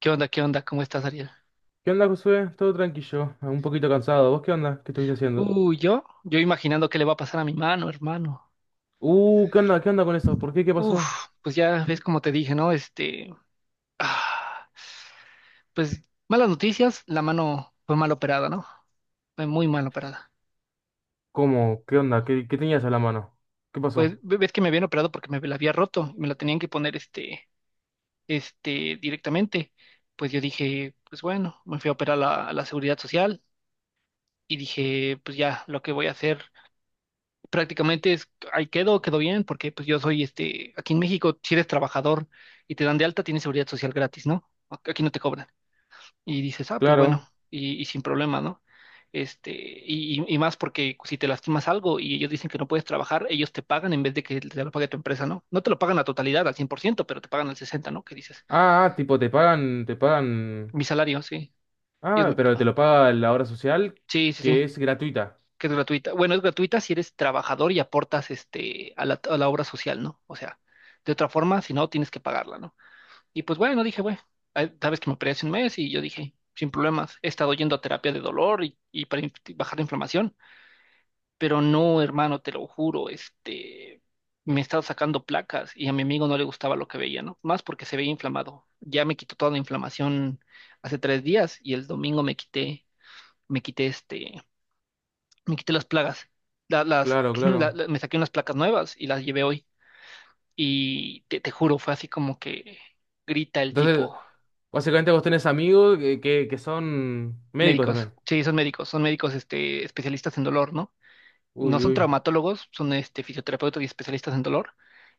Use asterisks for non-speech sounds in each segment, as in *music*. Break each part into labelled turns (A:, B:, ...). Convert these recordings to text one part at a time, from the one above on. A: ¿Qué onda? ¿Qué onda? ¿Cómo estás, Ariel?
B: ¿Qué onda, Josué? Todo tranquilo, un poquito cansado. ¿Vos qué onda? ¿Qué estuviste haciendo?
A: Yo imaginando qué le va a pasar a mi mano, hermano.
B: ¿Qué onda? ¿Qué onda con eso? ¿Por qué? ¿Qué pasó?
A: Uf, pues ya ves como te dije, ¿no? Ah, pues malas noticias, la mano fue mal operada, ¿no? Fue muy mal operada.
B: ¿Cómo? ¿Qué onda? ¿Qué tenías a la mano? ¿Qué
A: Pues
B: pasó?
A: ves que me habían operado porque me la había roto y me la tenían que poner directamente. Pues yo dije, pues bueno, me fui a operar a la Seguridad Social y dije, pues ya, lo que voy a hacer prácticamente es, ahí quedo bien, porque pues yo soy aquí en México, si eres trabajador y te dan de alta, tienes seguridad social gratis, ¿no? Aquí no te cobran. Y dices, pues bueno,
B: Claro.
A: y sin problema, ¿no? Y más porque si te lastimas algo y ellos dicen que no puedes trabajar, ellos te pagan en vez de que te lo pague tu empresa, ¿no? No te lo pagan a totalidad, al 100% pero te pagan al 60, ¿no? ¿Qué dices?
B: Ah, ah, tipo, te pagan, te pagan.
A: Mi salario, sí. Ellos
B: Ah,
A: me-
B: pero te lo paga la obra social,
A: Sí, sí, sí.
B: que es gratuita.
A: Que es gratuita. Bueno, es gratuita si eres trabajador y aportas a la obra social, ¿no? O sea, de otra forma, si no, tienes que pagarla, ¿no? Y pues bueno, dije, bueno, sabes que me operé hace un mes y yo dije, sin problemas, he estado yendo a terapia de dolor y para bajar la inflamación, pero no, hermano, te lo juro, me he estado sacando placas y a mi amigo no le gustaba lo que veía, ¿no? Más porque se veía inflamado. Ya me quitó toda la inflamación hace 3 días y el domingo me quité, me quité este me quité las plagas,
B: Claro,
A: *clears throat*
B: claro.
A: me saqué unas placas nuevas y las llevé hoy. Y te juro, fue así como que grita el
B: Entonces,
A: tipo,
B: básicamente vos tenés amigos que, que son médicos
A: médicos,
B: también.
A: sí, son médicos, especialistas en dolor, ¿no? No
B: Uy,
A: son
B: uy.
A: traumatólogos, son fisioterapeutas y especialistas en dolor.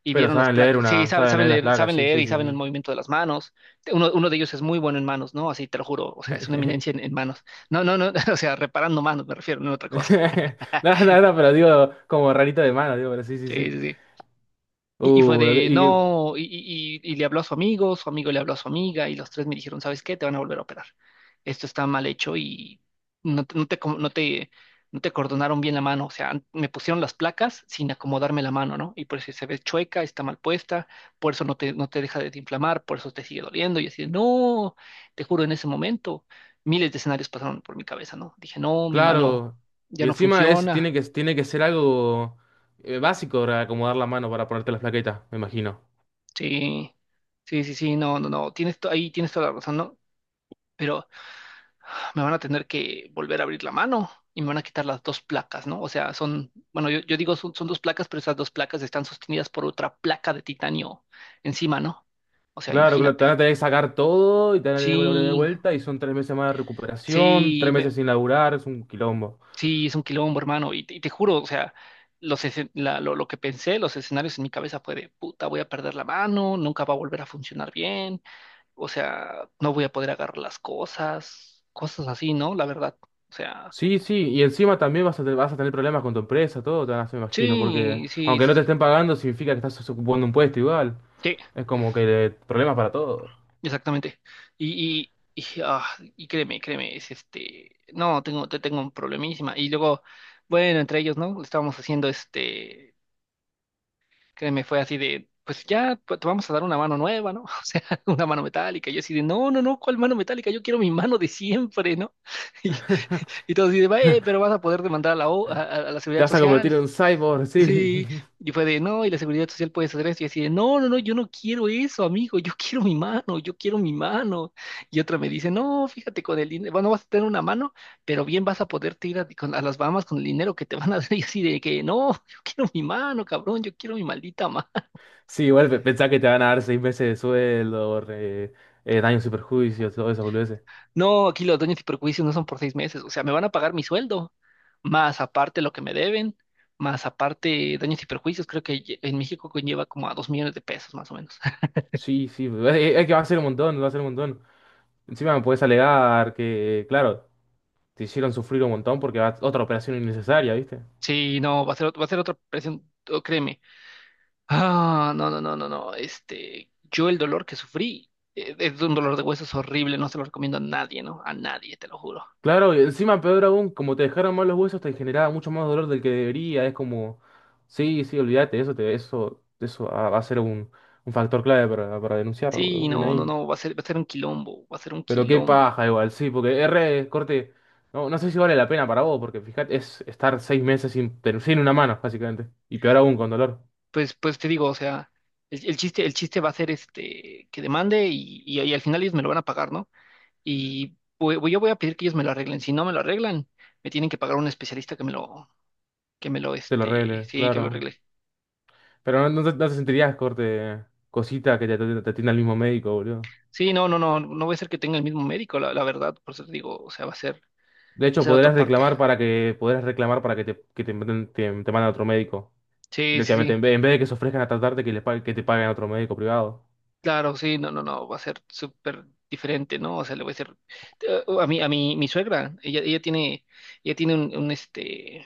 A: Y
B: Pero
A: vieron las
B: saben leer
A: placas, sí,
B: una, saben leer las placas,
A: saben
B: sí,
A: leer
B: sí,
A: y saben el
B: sí,
A: movimiento de las manos. Uno de ellos es muy bueno en manos, ¿no? Así te lo juro, o
B: sí.
A: sea, es una
B: *laughs*
A: eminencia en manos. No, no, no, *laughs* o sea, reparando manos me refiero, no en otra cosa.
B: *laughs* No, no, no, pero digo, como rarito de mano, digo, pero sí, sí,
A: Sí,
B: sí.
A: sí, sí. Y fue
B: Lo que-
A: de,
B: y
A: no, y le habló a su amigo le habló a su amiga, y los tres me dijeron, ¿sabes qué? Te van a volver a operar. Esto está mal hecho y no, te, no te, com- no te, no te cordonaron bien la mano. O sea, me pusieron las placas sin acomodarme la mano, ¿no? Y por eso se ve chueca, está mal puesta, por eso no te deja de inflamar, por eso te sigue doliendo. Y así, de, no, te juro, en ese momento, miles de escenarios pasaron por mi cabeza, ¿no? Dije, no, mi mano
B: claro,
A: ya
B: y
A: no
B: encima es,
A: funciona.
B: tiene que ser algo básico para acomodar la mano para ponerte las plaquetas, me imagino.
A: Sí, sí, sí, sí, no, no, no, tienes ahí tienes toda la razón, ¿no? Pero me van a tener que volver a abrir la mano y me van a quitar las dos placas, ¿no? O sea, son, bueno, yo digo son, dos placas, pero esas dos placas están sostenidas por otra placa de titanio encima, ¿no? O sea,
B: Claro, claro, te van a
A: imagínate.
B: tener que sacar todo y te van a tener que volver de
A: Sí,
B: vuelta y son tres meses más de recuperación,
A: sí,
B: 3 meses sin laburar, es un quilombo.
A: sí, es un quilombo, hermano, y te juro, o sea, los lo que pensé, los escenarios en mi cabeza fue de, puta, voy a perder la mano, nunca va a volver a funcionar bien, o sea, no voy a poder agarrar las cosas, cosas así, ¿no? La verdad, o sea.
B: Sí, sí, y encima también vas a tener problemas con tu empresa, todo te van a hacer, me imagino, porque
A: Sí, sí,
B: aunque no te
A: sí,
B: estén pagando, significa que estás ocupando un puesto igual.
A: sí,
B: Es como que problemas para todo.
A: exactamente. Y, y y créeme, créeme, es no, te tengo un problemísima. Y luego, bueno, entre ellos, ¿no? Estábamos haciendo créeme, fue así de, pues ya pues, te vamos a dar una mano nueva, ¿no? *laughs* O sea, una mano metálica. Yo así de, no, no, no, ¿cuál mano metálica? Yo quiero mi mano de siempre, ¿no? *laughs* Y,
B: *laughs*
A: y todos dicen, "Va, pero
B: *laughs*
A: vas a poder demandar a la, O- a la
B: Te
A: Seguridad
B: vas a
A: Social".
B: convertir en un cyborg, sí.
A: Sí,
B: *laughs*
A: y fue de, no, y la seguridad social puede hacer esto, y así de, no, no, no, yo no quiero eso, amigo, yo quiero mi mano, yo quiero mi mano. Y otra me dice, no, fíjate con el dinero, bueno, vas a tener una mano, pero bien vas a poderte ir a, a las Bahamas con el dinero que te van a dar, *laughs* y así de que, no, yo quiero mi mano, cabrón, yo quiero mi maldita mano.
B: Sí, igual pensá que te van a dar 6 meses de sueldo, daños y perjuicios, todo eso, boludeces.
A: No, aquí los daños y perjuicios no son por 6 meses, o sea, me van a pagar mi sueldo, más aparte lo que me deben, más aparte daños y perjuicios, creo que en México conlleva como a 2 millones de pesos, más o menos.
B: Sí, sí, es que va a ser un montón, va a ser un montón. Encima me puedes alegar que, claro, te hicieron sufrir un montón porque va otra operación innecesaria, ¿viste?
A: Sí, no, va a ser, va a ser otra presión, oh, créeme. Ah, no, no, no, no, no. Este, yo el dolor que sufrí es un dolor de huesos horrible, no se lo recomiendo a nadie, ¿no? A nadie, te lo juro.
B: Claro, y encima peor aún, como te dejaron mal los huesos, te generaba mucho más dolor del que debería. Es como, sí, sí, olvídate, eso te, eso va a ser un factor clave para denunciarlo, boludo.
A: Sí,
B: Bien
A: no, no,
B: ahí.
A: no, va a ser un quilombo, va a ser un
B: Pero qué
A: quilombo.
B: paja igual, sí, porque R, corte, no, no sé si vale la pena para vos, porque fíjate, es estar 6 meses sin, pero sin una mano, básicamente. Y peor aún, con dolor.
A: Pues, pues te digo, o sea, el chiste va a ser que demande y al final ellos me lo van a pagar, ¿no? Y yo voy a pedir que ellos me lo arreglen. Si no me lo arreglen, me tienen que pagar un especialista
B: Se lo arregle,
A: que me lo
B: claro.
A: arregle.
B: Pero no, no te, no te sentirías, corte, cosita que te, te atienda el mismo médico, boludo.
A: Sí, no, no, no, no voy a ser que tenga el mismo médico, la verdad, por eso te digo, o sea, va
B: De
A: a
B: hecho,
A: ser otra
B: podrás
A: parte.
B: reclamar para que, podrás reclamar para que te, te manden a otro médico.
A: Sí, sí,
B: Directamente,
A: sí,
B: en vez de que se ofrezcan a tratarte, que, que te paguen a otro médico privado.
A: claro, sí, no, no, no, va a ser súper diferente, ¿no? O sea, le voy a decir, a mí, mi suegra, ella tiene un,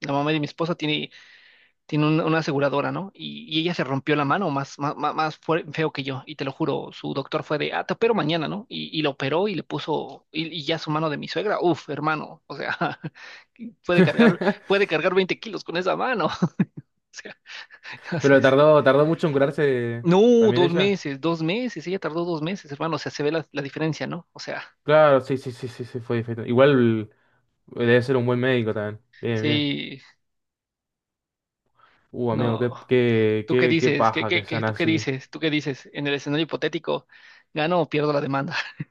A: la mamá de mi esposa tiene una aseguradora, ¿no? Y ella se rompió la mano más más feo que yo, y te lo juro, su doctor fue de, ah, te opero mañana, ¿no? Y la operó y le puso, y ya su mano de mi suegra, uf, hermano, o sea, *laughs* puede cargar,
B: *laughs*
A: puede cargar 20 kilos con esa mano, *laughs* o sea, entonces,
B: Pero tardó, tardó mucho en curarse
A: no,
B: también
A: dos
B: ella.
A: meses, 2 meses, ella tardó 2 meses, hermano, o sea, se ve la diferencia, ¿no? O sea,
B: Claro, sí, sí, sí, sí, sí, fue diferente. Igual. Debe ser un buen médico también. Bien, bien.
A: sí,
B: Amigo, qué,
A: no.
B: qué,
A: ¿Tú qué
B: qué, qué
A: dices? ¿Qué,
B: paja que
A: qué, qué,
B: sean
A: tú qué
B: así.
A: dices? ¿Tú qué dices? En el escenario hipotético, ¿gano o pierdo la demanda? *laughs*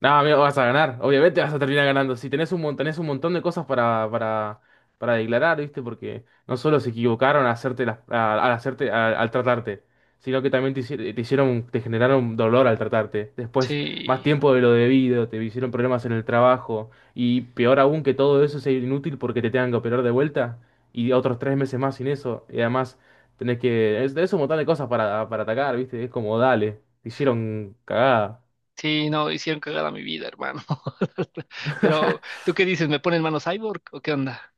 B: No, amigo, vas a ganar. Obviamente vas a terminar ganando. Si tenés un montón, tenés un montón de cosas para declarar, ¿viste? Porque no solo se equivocaron al hacerte, al, al tratarte, sino que también te hicieron, te generaron dolor al tratarte. Después, más
A: Sí.
B: tiempo de lo debido, te hicieron problemas en el trabajo. Y peor aún que todo eso sea inútil porque te tengan que operar de vuelta. Y otros 3 meses más sin eso. Y además, tenés que. Es, tenés un montón de cosas para atacar, ¿viste? Es como, dale, te hicieron cagada.
A: Sí, no, hicieron cagada mi vida, hermano. *laughs* Pero,
B: *laughs*
A: ¿tú qué dices? ¿Me ponen mano cyborg o qué onda?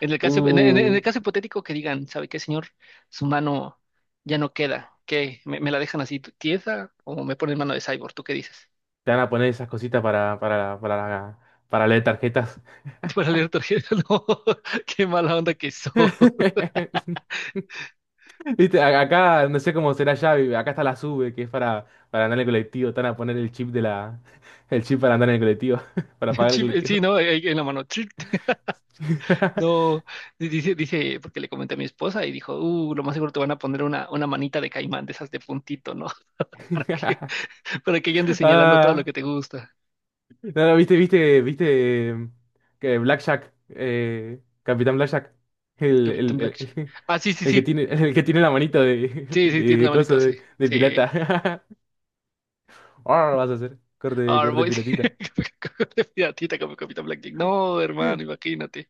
A: En
B: Uh,
A: el caso hipotético que digan, ¿sabe qué, señor? Su mano ya no queda. ¿Qué? Me la dejan así tiesa o me ponen mano de cyborg? ¿Tú qué dices?
B: te van a poner esas cositas para leer tarjetas.
A: *laughs* Para leer tarjetas, *laughs* no. ¡Qué mala onda que soy! *laughs*
B: *laughs* Viste, acá, no sé cómo será ya, acá está la SUBE, que es para andar en el colectivo. Te van a poner el chip de la, *laughs* el chip para andar en el colectivo, *laughs* para
A: El
B: pagar el
A: chip, sí,
B: colectivo.
A: ¿no? Ahí ahí en la mano. *laughs*
B: *laughs*
A: No, dice, dice, porque le comenté a mi esposa y dijo, lo más seguro te van a poner una manita de caimán, de esas de puntito, ¿no? *laughs* Para que, para que ya andes señalando todo lo
B: Ah,
A: que te gusta.
B: no, no, viste, viste, viste que Blackjack, Capitán Blackjack,
A: Capitán
B: el,
A: Black.
B: *laughs* el
A: Ah, sí, sí,
B: el que
A: sí.
B: tiene, el que tiene la manito de, *laughs*
A: Sí, sí, tiene la
B: de, coso
A: manito, sí.
B: de
A: Sí.
B: pirata. *laughs* Ahora lo vas a hacer. Corte,
A: Ahora
B: corte
A: voy
B: pilotita.
A: *laughs* de piratita como Capitán Blackjack. No, hermano, imagínate.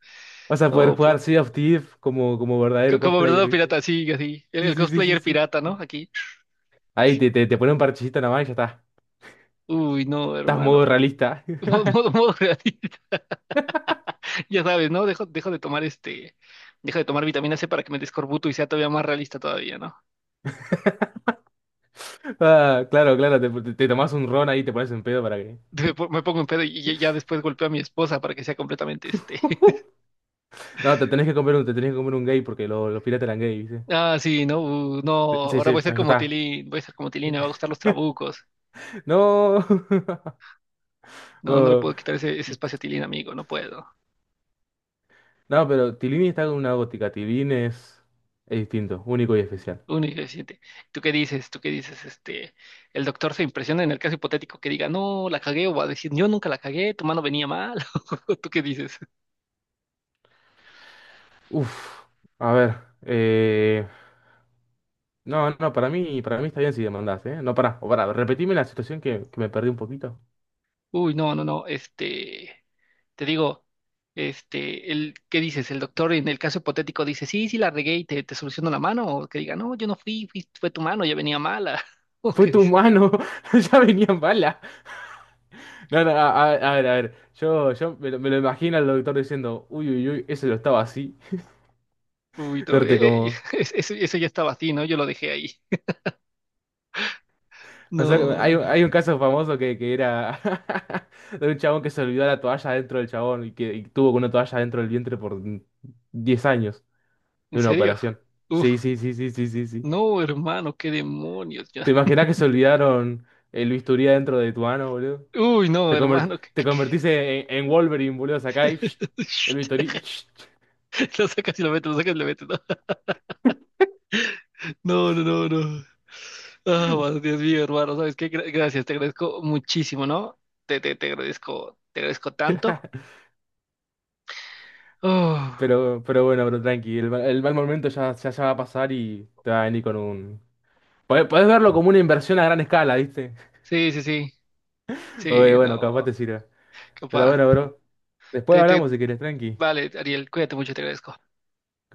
B: Vas a poder
A: No, pues.
B: jugar Sea of Thieves como, como verdadero
A: Como
B: cosplayer,
A: verdadero
B: ¿viste?
A: pirata, sí, así.
B: Sí,
A: El
B: sí, sí, sí,
A: cosplayer
B: sí.
A: pirata, ¿no? Aquí.
B: Ahí te, te, te pone un parchecito nada más y ya está.
A: Uy, no,
B: Estás modo
A: hermano.
B: realista.
A: *laughs*
B: *laughs*
A: Modo gratis. *laughs* Ya sabes, ¿no? Dejo de tomar este. Dejo de tomar vitamina C para que me descorbuto y sea todavía más realista todavía, ¿no?
B: Ah, claro, claro, te tomás un ron ahí y te pones en pedo para
A: *laughs*
B: que.
A: Me pongo en pedo y ya después golpeo a mi esposa para que sea completamente este.
B: *laughs* No, te tenés que comer un, te tenés que comer un gay porque los piratas eran gay, ¿viste?
A: Ah, sí, no, no,
B: Sí,
A: ahora
B: sí,
A: voy a ser
B: ya ya
A: como
B: está.
A: Tilín, voy a ser como Tilín, me va a gustar los trabucos.
B: No. *laughs*
A: No, no le
B: Oh,
A: puedo quitar ese espacio a Tilín, amigo, no puedo.
B: no, pero Tilini está con una gótica. Tilín es distinto, único y especial.
A: Único y suficiente. ¿Tú qué dices? ¿Tú qué dices? El doctor se impresiona en el caso hipotético que diga, no, la cagué, o va a decir, yo nunca la cagué, tu mano venía mal. *laughs* ¿Tú qué dices?
B: Uf, a ver. eh, No, no, para mí está bien si demandás, ¿eh? No, pará, o pará, repetime la situación que me perdí un poquito.
A: Uy, no, no, no, te digo. ¿Qué dices? El doctor en el caso hipotético dice, sí, sí la regué y te soluciono la mano, o que diga, no, yo no fui, fue tu mano, ya venía mala. *laughs*
B: *laughs*
A: ¿O
B: Fue
A: qué
B: tu
A: dices?
B: mano, *laughs* ya venían balas. No, no, a, a ver, a ver. Yo me lo imagino al doctor diciendo, uy, uy, uy, ese lo estaba así.
A: Uy,
B: *laughs*
A: no,
B: Corte como.
A: *laughs* eso ya estaba así, ¿no? Yo lo dejé ahí.
B: O sea,
A: No, no,
B: hay, hay un
A: no.
B: caso famoso que era *laughs* de un chabón que se olvidó la toalla dentro del chabón y que y tuvo con una toalla dentro del vientre por 10 años
A: ¿En
B: de una
A: serio?
B: operación.
A: Uf,
B: Sí, sí, sí, sí, sí, sí, sí.
A: no, hermano, qué demonios. Ya.
B: ¿Te imaginas que se olvidaron el bisturí dentro de tu mano, boludo?
A: Uy, no,
B: Te,
A: hermano.
B: te convertiste en Wolverine, boludo, acá y psh, el Victory.
A: *laughs* Lo sacas y lo metes, lo sacas y lo metes. No, no, no, no. No. Ah, bueno, Dios mío, hermano, ¿sabes qué? Gracias, te agradezco muchísimo, ¿no? Te agradezco tanto.
B: *laughs*
A: Oh,
B: Pero bueno, pero tranqui, el, el mal momento ya, ya, ya va a pasar y te va a venir con un... Podés, podés verlo como una inversión a gran escala, ¿viste?
A: sí, sí, sí,
B: *laughs* Oye,
A: sí,
B: bueno, capaz te
A: no,
B: sirva. Pero
A: capaz.
B: bueno, bro. Después
A: Te, te,
B: hablamos si querés, tranqui.
A: vale, Ariel, cuídate mucho, te agradezco.